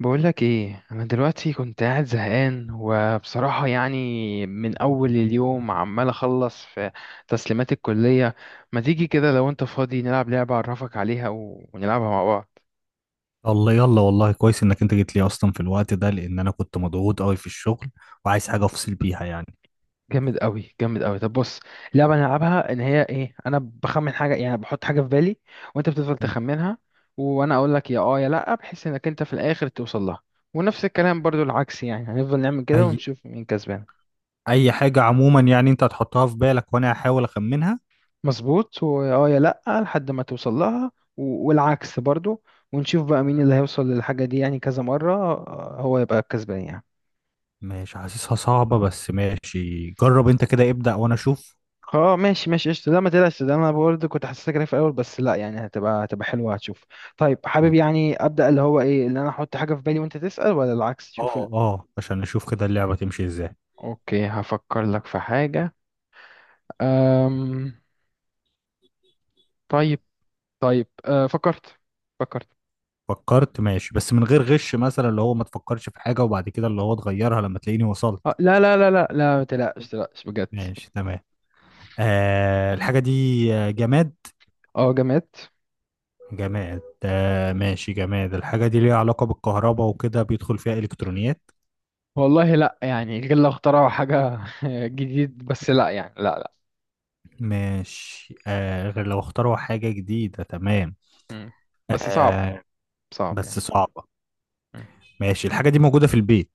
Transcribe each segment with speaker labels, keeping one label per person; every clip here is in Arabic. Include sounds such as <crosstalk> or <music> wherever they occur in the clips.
Speaker 1: بقولك ايه؟ انا دلوقتي كنت قاعد زهقان، وبصراحة يعني من اول اليوم عمال اخلص في تسليمات الكلية. ما تيجي كده لو انت فاضي نلعب لعبة، اعرفك عليها ونلعبها مع بعض.
Speaker 2: الله يلا، والله كويس انك انت جيت لي اصلا في الوقت ده، لان انا كنت مضغوط قوي في الشغل وعايز حاجه افصل بيها يعني.
Speaker 1: جامد قوي، جامد قوي. طب بص، اللعبة نلعبها ان هي ايه، انا بخمن حاجة، يعني بحط حاجة في بالي، وانت بتفضل
Speaker 2: مم.
Speaker 1: تخمنها. وانا اقول لك يا اه يا لا، بحيث انك انت في الاخر توصل لها. ونفس الكلام برضو العكس، يعني هنفضل نعمل كده
Speaker 2: اي
Speaker 1: ونشوف مين كسبان.
Speaker 2: اي حاجه عموما، يعني انت هتحطها في بالك وانا هحاول اخمنها.
Speaker 1: مظبوط، واه يا لأ لحد ما توصل لها، والعكس برضو. ونشوف بقى مين اللي هيوصل للحاجة دي. يعني كذا مرة هو يبقى الكسبان يعني.
Speaker 2: ماشي، حاسسها صعبه بس ماشي، جرب انت كده ابدأ وانا اشوف.
Speaker 1: اه ماشي، ماشي قشطة. لا ما تقلقش، ده انا برضه كنت حاسسها كده في الاول، بس لا، يعني هتبقى حلوة، هتشوف. طيب، حابب
Speaker 2: ماشي.
Speaker 1: يعني ابدأ، اللي هو ايه اللي انا احط حاجة في بالي وانت تسأل، ولا العكس؟ شوف
Speaker 2: اه اه، عشان اشوف كده اللعبه تمشي ازاي.
Speaker 1: اوكي، هفكر لك في حاجة. أم... طيب. طيب، فكرت. فكرت.
Speaker 2: فكرت ماشي، بس من غير غش، مثلا اللي هو ما تفكرش في حاجه وبعد كده اللي هو تغيرها لما تلاقيني وصلت.
Speaker 1: لا لا لا لا لا، ما تقلقش، ما تقلقش بجد.
Speaker 2: ماشي تمام. آه الحاجه دي. آه، جماد.
Speaker 1: اه، جماد.
Speaker 2: جماد آه ماشي جماد، الحاجة دي ليها علاقة بالكهرباء وكده بيدخل فيها إلكترونيات.
Speaker 1: والله لا، يعني غير لو اخترعوا حاجة <laughs> جديد، بس لا يعني، لا لا.
Speaker 2: ماشي آه، غير لو اختاروا حاجة جديدة تمام.
Speaker 1: مم. بس صعب.
Speaker 2: آه
Speaker 1: صعب
Speaker 2: بس
Speaker 1: يعني.
Speaker 2: صعبة.
Speaker 1: مم.
Speaker 2: ماشي، الحاجة دي موجودة في البيت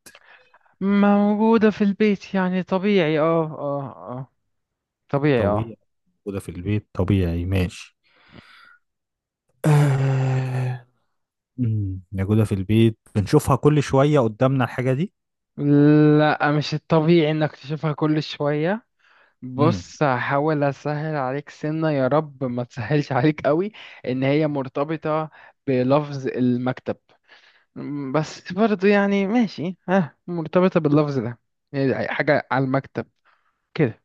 Speaker 1: موجودة في البيت، يعني طبيعي، اه اه. اه. طبيعي اه.
Speaker 2: طبيعي، موجودة في البيت طبيعي ماشي. آه، مم، موجودة في البيت بنشوفها كل شوية قدامنا الحاجة دي.
Speaker 1: لا، مش الطبيعي انك تشوفها كل شوية.
Speaker 2: امم.
Speaker 1: بص، هحاول اسهل عليك سنة يا رب ما تسهلش عليك قوي. ان هي مرتبطة بلفظ المكتب. بس برضو يعني ماشي ها، مرتبطة باللفظ ده. يعني حاجة على المكتب. كده.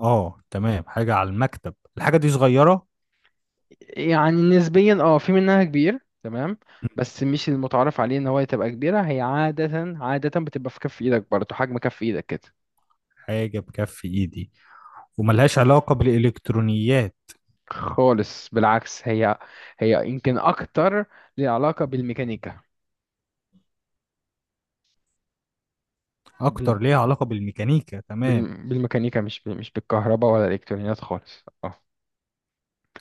Speaker 2: اه تمام، حاجة على المكتب الحاجة دي صغيرة.
Speaker 1: يعني نسبيا اه، في منها كبير تمام، بس مش المتعارف عليه ان هو تبقى كبيرة، هي عادة عادة بتبقى في كف ايدك، برضه حجم كف ايدك كده.
Speaker 2: حاجة بكف ايدي وملهاش علاقة بالإلكترونيات.
Speaker 1: خالص، بالعكس. هي هي يمكن اكتر ليها علاقة بالميكانيكا. بال...
Speaker 2: اكتر ليها علاقه بالميكانيكا تمام.
Speaker 1: بالميكانيكا، مش بالكهرباء ولا الالكترونيات خالص، اه.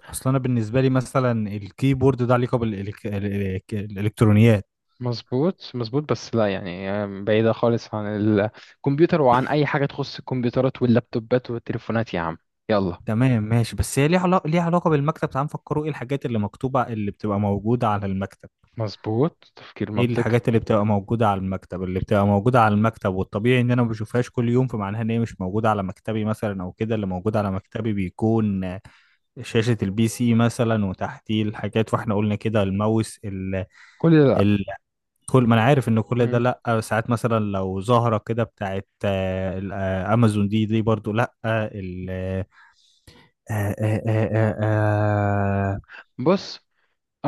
Speaker 2: اصل انا بالنسبه لي مثلا الكيبورد ده علاقه بالالكترونيات.
Speaker 1: مظبوط مظبوط، بس لا يعني، بعيدة خالص عن الكمبيوتر وعن اي حاجة تخص الكمبيوترات واللابتوبات والتليفونات يا عم. يلا.
Speaker 2: تمام ماشي، بس هي ليها علاقه بالمكتب. تعال نفكروا، ايه الحاجات اللي مكتوبه اللي بتبقى موجوده على المكتب؟
Speaker 1: مظبوط، تفكير
Speaker 2: ايه
Speaker 1: منطقي.
Speaker 2: الحاجات اللي بتبقى موجوده على المكتب، والطبيعي ان انا ما بشوفهاش كل يوم، فمعناها ان هي مش موجوده على مكتبي مثلا، او كده اللي موجود على مكتبي بيكون شاشه البي سي مثلا وتحتيه الحاجات، واحنا قلنا كده الماوس،
Speaker 1: كل ده؟
Speaker 2: كل ما انا عارف ان كل ده
Speaker 1: لا.
Speaker 2: لا. ساعات مثلا لو زهره كده بتاعت امازون دي برضو لا. آه، ال آه، آه، آه، آه، آه، آه،
Speaker 1: بص.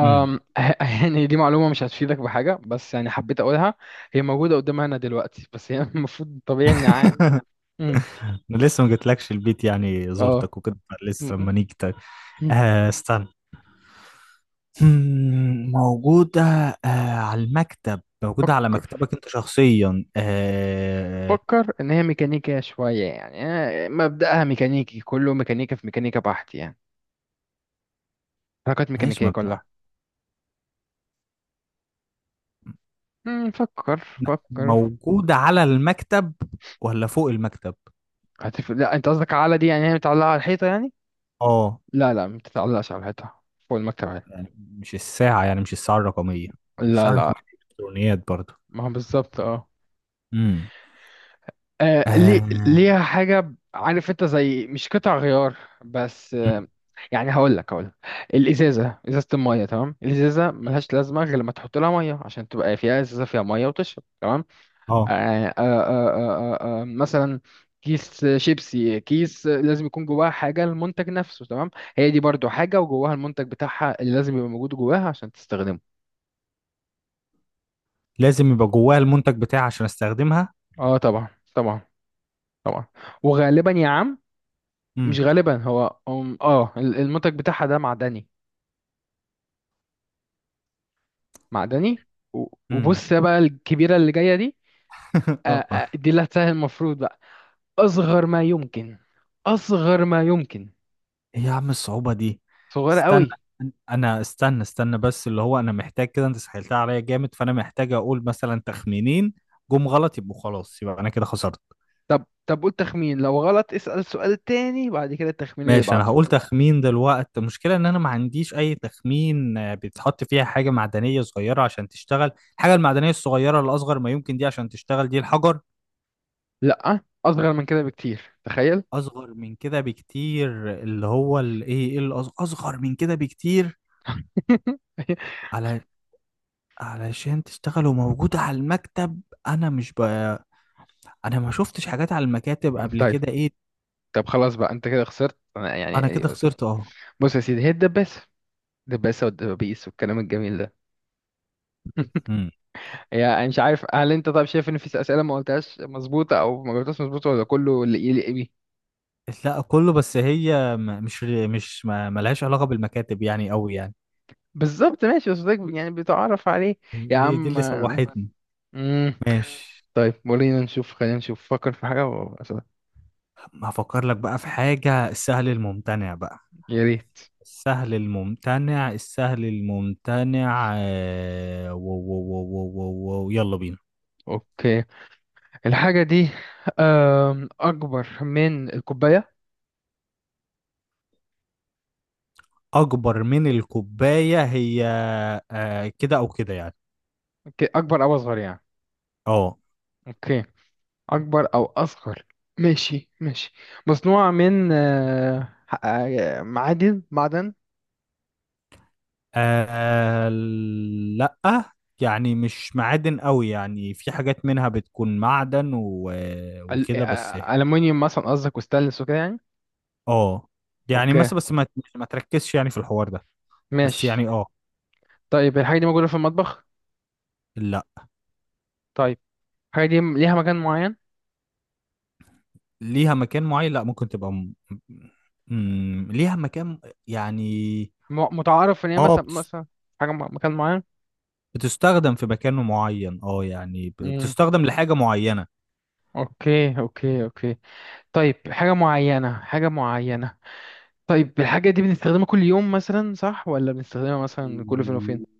Speaker 2: مم.
Speaker 1: <laughs> يعني دي معلومة مش هتفيدك بحاجة، بس يعني حبيت أقولها. هي موجودة قدامنا أنا دلوقتي، بس هي <laughs> المفروض طبيعي إن عادي.
Speaker 2: <laughs>
Speaker 1: أمم.
Speaker 2: انا لسه ما جيتلكش البيت يعني،
Speaker 1: اه.
Speaker 2: زرتك وكده.
Speaker 1: أمم.
Speaker 2: لسه لما نيجي ت-.
Speaker 1: أمم.
Speaker 2: استنى. مم، موجوده على المكتب، موجوده على
Speaker 1: فكر.
Speaker 2: مكتبك انت شخصيا؟ آه.
Speaker 1: فكر إن هي ميكانيكية شوية، يعني مبدأها ميكانيكي، كله ميكانيكا في ميكانيكا بحت يعني. حركات
Speaker 2: ماشي،
Speaker 1: ميكانيكية
Speaker 2: ما بتاع
Speaker 1: كلها. فكر. فكر.
Speaker 2: موجوده على المكتب ولا فوق المكتب؟
Speaker 1: لا، أنت قصدك على دي يعني هي متعلقة على الحيطة يعني؟
Speaker 2: اه،
Speaker 1: لا لا، ما بتتعلقش على الحيطة. فوق المكتب عادي.
Speaker 2: يعني مش الساعة، يعني مش الساعة الرقمية.
Speaker 1: لا
Speaker 2: الساعة
Speaker 1: لا،
Speaker 2: الرقمية دي إلكترونيات برضو.
Speaker 1: ما هو بالظبط اه.
Speaker 2: امم.
Speaker 1: ليه
Speaker 2: آه.
Speaker 1: ليها حاجة، عارف انت زي مش قطع غيار، بس
Speaker 2: مم.
Speaker 1: يعني هقول لك ازازة المية. تمام، الازازة
Speaker 2: مم.
Speaker 1: ملهاش لازمة غير لما تحط لها مية، عشان تبقى فيها ازازة، فيها مية وتشرب. تمام.
Speaker 2: اه
Speaker 1: مثلا كيس شيبسي، كيس لازم يكون جواها حاجة، المنتج نفسه. تمام، هي دي برضو حاجة وجواها المنتج بتاعها اللي لازم يبقى موجود جواها عشان تستخدمه.
Speaker 2: لازم يبقى جواها المنتج بتاعي عشان استخدمها.
Speaker 1: اه طبعا. طبعا. طبعا. وغالبا يا عم،
Speaker 2: امم.
Speaker 1: مش غالبا، هو المنتج بتاعها ده معدني. معدني.
Speaker 2: امم
Speaker 1: وبص يا بقى، الكبيرة اللي جاية دي.
Speaker 2: <laughs> اه.
Speaker 1: دي اللي هتسهل المفروض بقى. أصغر ما يمكن. أصغر ما يمكن.
Speaker 2: ايه يا عم الصعوبة دي؟
Speaker 1: صغيرة
Speaker 2: استنى،
Speaker 1: قوي.
Speaker 2: انا استنى بس، اللي هو انا محتاج كده، انت سهلتها عليا جامد، فانا محتاج اقول مثلا تخمينين جم غلط يبقوا خلاص، يبقى انا كده خسرت.
Speaker 1: طب طب، قول تخمين، لو غلط اسأل سؤال تاني بعد كده التخمين اللي
Speaker 2: ماشي انا
Speaker 1: بعده.
Speaker 2: هقول تخمين دلوقتي. المشكله ان انا ما عنديش اي تخمين. بيتحط فيها حاجه معدنيه صغيره عشان تشتغل. الحاجه المعدنيه الصغيره الاصغر ما يمكن دي عشان تشتغل دي الحجر.
Speaker 1: لأ، أصغر من كده بكتير، تخيل.
Speaker 2: اصغر من كده بكتير، اللي هو الايه، اصغر من كده بكتير؟
Speaker 1: <laughs>
Speaker 2: على علشان تشتغل وموجوده على المكتب، انا مش ب... انا ما شفتش حاجات على المكاتب قبل
Speaker 1: طيب.
Speaker 2: كده، ايه؟
Speaker 1: طب خلاص بقى، أنت كده خسرت أنا يعني.
Speaker 2: انا كده
Speaker 1: أسف.
Speaker 2: خسرت، اه.
Speaker 1: بص يا سيدي، هي الدباسة. الدباسة والدبابيس والكلام الجميل ده.
Speaker 2: مم.
Speaker 1: يعني مش عارف، هل انت طب شايف ان في اسئله ما قلتهاش مظبوطه او ما جاوبتهاش مظبوطه، ولا كله اللي يليق بيه؟
Speaker 2: لا كله، بس هي م- مش مش ما- ملهاش علاقه بالمكاتب يعني قوي يعني.
Speaker 1: بالظبط، ماشي، بس ده يعني بتعرف عليه. يا
Speaker 2: هي دي
Speaker 1: عم.
Speaker 2: اللي سوحتني.
Speaker 1: مم.
Speaker 2: ماشي.
Speaker 1: طيب، ولينا نشوف خلينا نشوف، فكر في حاجه وأسألك.
Speaker 2: طب ما هفكر لك بقى في حاجة، السهل الممتنع بقى.
Speaker 1: يا ريت.
Speaker 2: السهل الممتنع، السهل الممتنع، و يلا بينا.
Speaker 1: اوكي. الحاجه دي اكبر من الكوبايه.
Speaker 2: أكبر من الكوباية هي كده أو كده يعني.
Speaker 1: اوكي، اكبر او اصغر يعني.
Speaker 2: اه.
Speaker 1: اوكي. اكبر او اصغر. ماشي، ماشي. مصنوعه من معدن.
Speaker 2: آه، لأ، يعني مش معادن قوي يعني، في حاجات منها بتكون معدن و- وكده بس يعني.
Speaker 1: ألمونيوم مثلا قصدك، وستانلس وكده يعني.
Speaker 2: اه يعني
Speaker 1: اوكي.
Speaker 2: مثلا، بس ما تركزش يعني في الحوار ده. بس
Speaker 1: ماشي.
Speaker 2: يعني اه.
Speaker 1: طيب، الحاجة دي موجودة في المطبخ.
Speaker 2: لا،
Speaker 1: طيب، الحاجة دي ليها مكان معين.
Speaker 2: ليها مكان معين، لا، ممكن تبقى م... م... ليها مكان يعني.
Speaker 1: متعارف ان هي
Speaker 2: اه
Speaker 1: مثلا،
Speaker 2: بتس-
Speaker 1: مثلا حاجة مكان معين.
Speaker 2: بتستخدم في مكان معين، اه يعني ب-
Speaker 1: امم.
Speaker 2: بتستخدم لحاجة معينة.
Speaker 1: اوكي، اوكي، اوكي. طيب حاجة معينة، حاجة معينة. طيب، الحاجة دي بنستخدمها كل يوم مثلا، صح؟ ولا بنستخدمها مثلا كل فين وفين؟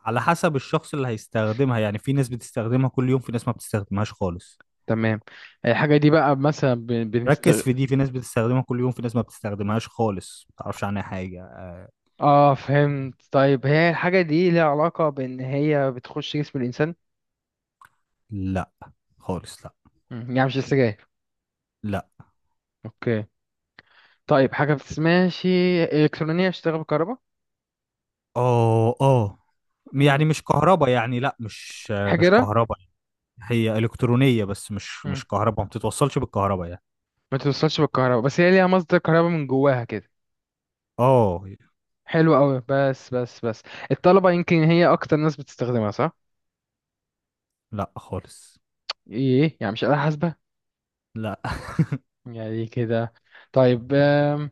Speaker 2: على حسب الشخص اللي هيستخدمها يعني، في ناس بتستخدمها كل يوم، في ناس ما بتستخدمهاش خالص.
Speaker 1: تمام. الحاجة دي بقى مثلا بنستخدم.
Speaker 2: ركز في دي، في ناس بتستخدمها كل يوم، في ناس ما بتستخدمهاش خالص، ما تعرفش عنها حاجة.
Speaker 1: اه، فهمت. طيب هي الحاجة دي ليها علاقة بان هي بتخش جسم الانسان؟
Speaker 2: لا خالص لا.
Speaker 1: يعني مش السجاير.
Speaker 2: لا.
Speaker 1: اوكي. طيب، حاجة ما بتسمعش، إلكترونية، اشتغل بالكهرباء.
Speaker 2: اه اه.
Speaker 1: مم.
Speaker 2: يعني مش كهربا يعني، لا مش. مش
Speaker 1: حجرة.
Speaker 2: كهربا. هي الكترونيه بس مش
Speaker 1: مم.
Speaker 2: مش كهرباء، ما بتتوصلش بالكهرباء يعني.
Speaker 1: ما توصلش بالكهرباء، بس هي ليها مصدر كهرباء من جواها كده.
Speaker 2: اه.
Speaker 1: حلو قوي. بس، بس، بس، الطلبة يمكن هي أكتر ناس بتستخدمها، صح؟
Speaker 2: لا خالص
Speaker 1: إيه، يعني مش آلة حاسبة؟
Speaker 2: لا.
Speaker 1: يعني كده. طيب آم،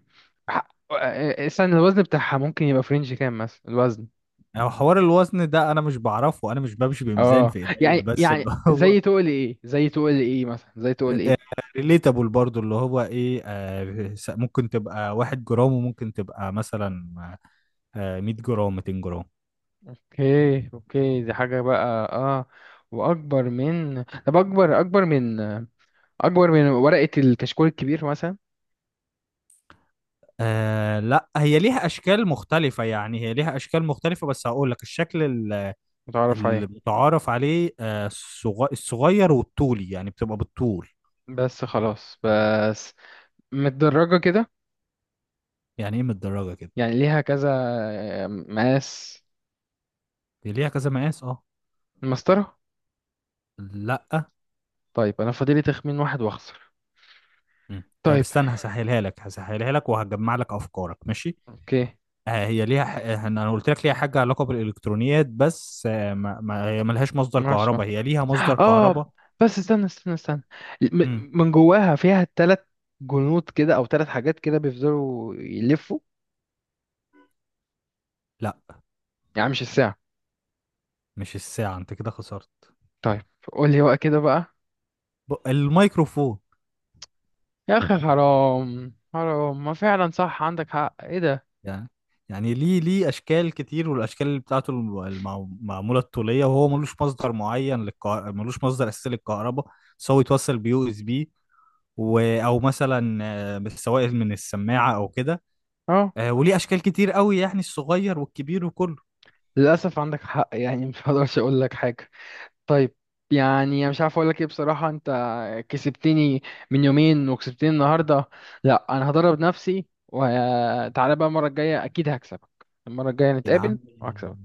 Speaker 1: ح- آه، استنى، الوزن بتاعها ممكن يبقى فرنج كام مثلا الوزن؟
Speaker 2: <laughs> هو حوار الوزن ده انا مش بعرفه، انا مش بمشي بميزان
Speaker 1: اه،
Speaker 2: في
Speaker 1: يعني
Speaker 2: ايديا، بس
Speaker 1: يعني
Speaker 2: اللي هو
Speaker 1: زي تقول ايه زي تقول ايه مثلا زي تقول
Speaker 2: <laughs>
Speaker 1: ايه.
Speaker 2: ريليتابل برضو، اللي هو ايه، ممكن تبقى واحد جرام، وممكن تبقى مثلا 100 جرام، 200 جرام.
Speaker 1: اوكي، اوكي، دي حاجة بقى. اه. واكبر من، طب، اكبر من ورقة الكشكول الكبير مثلا.
Speaker 2: آه لا هي ليها اشكال مختلفة، يعني هي ليها اشكال مختلفة، بس هقول لك الشكل
Speaker 1: متعرف عليه.
Speaker 2: المتعارف عليه، الصغير والطولي، يعني بتبقى بالطول.
Speaker 1: بس خلاص، بس متدرجة كده.
Speaker 2: يعني ايه متدرجه كده؟
Speaker 1: يعني ليها كذا مقاس.
Speaker 2: دي ليها كذا مقاس، اه.
Speaker 1: المسطرة.
Speaker 2: لا.
Speaker 1: طيب، انا فاضلي تخمين واحد واخسر.
Speaker 2: مم. طب
Speaker 1: طيب.
Speaker 2: استنى، هسهلها لك وهجمع لك افكارك ماشي.
Speaker 1: اوكي.
Speaker 2: آه، هي ليها ح... آه، انا قلت لك ليها حاجه علاقه بالالكترونيات، بس آه، ما... ما... هي ملهاش مصدر
Speaker 1: ماشي ماشي،
Speaker 2: كهرباء، هي ليها مصدر
Speaker 1: اه.
Speaker 2: كهرباء.
Speaker 1: بس استنى، استنى، استنى
Speaker 2: امم.
Speaker 1: من جواها فيها تلات جنود كده، او تلات حاجات كده بيفضلوا يلفوا.
Speaker 2: لا
Speaker 1: يعني مش الساعة.
Speaker 2: مش الساعه، انت كده خسرت.
Speaker 1: طيب، قول لي بقى كده بقى.
Speaker 2: الميكروفون.
Speaker 1: يا اخي حرام، حرام، ما فعلا صح، عندك حق، ايه ده.
Speaker 2: يعني يعني ليه اشكال كتير، والاشكال اللي بتاعته معموله الطوليه، وهو ملوش مصدر معين للكهرباء، ملوش مصدر اساسي للكهرباء، بس هو يتوصل بيو اس بي او مثلا بالسوائل من السماعه او كده.
Speaker 1: اه.
Speaker 2: وليه اشكال كتير قوي يعني، الصغير والكبير وكله.
Speaker 1: للاسف عندك حق، يعني مش هقدرش اقول لك حاجه. طيب. يعني انا مش عارف اقول لك ايه بصراحه، انت كسبتني. من يومين وكسبتني النهارده. لا انا هدرب نفسي، وتعالى بقى المره الجايه اكيد هكسبك. المره الجايه
Speaker 2: يا
Speaker 1: نتقابل
Speaker 2: عم.
Speaker 1: وهكسبك.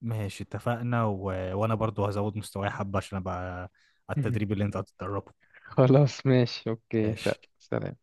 Speaker 2: ماشي اتفقنا وانا برضو هزود مستواي حبه عشان ابقى على التدريب
Speaker 1: <laughs>
Speaker 2: اللي انت هتتدربه.
Speaker 1: خلاص، ماشي، اوكي،
Speaker 2: ماشي.
Speaker 1: سلام.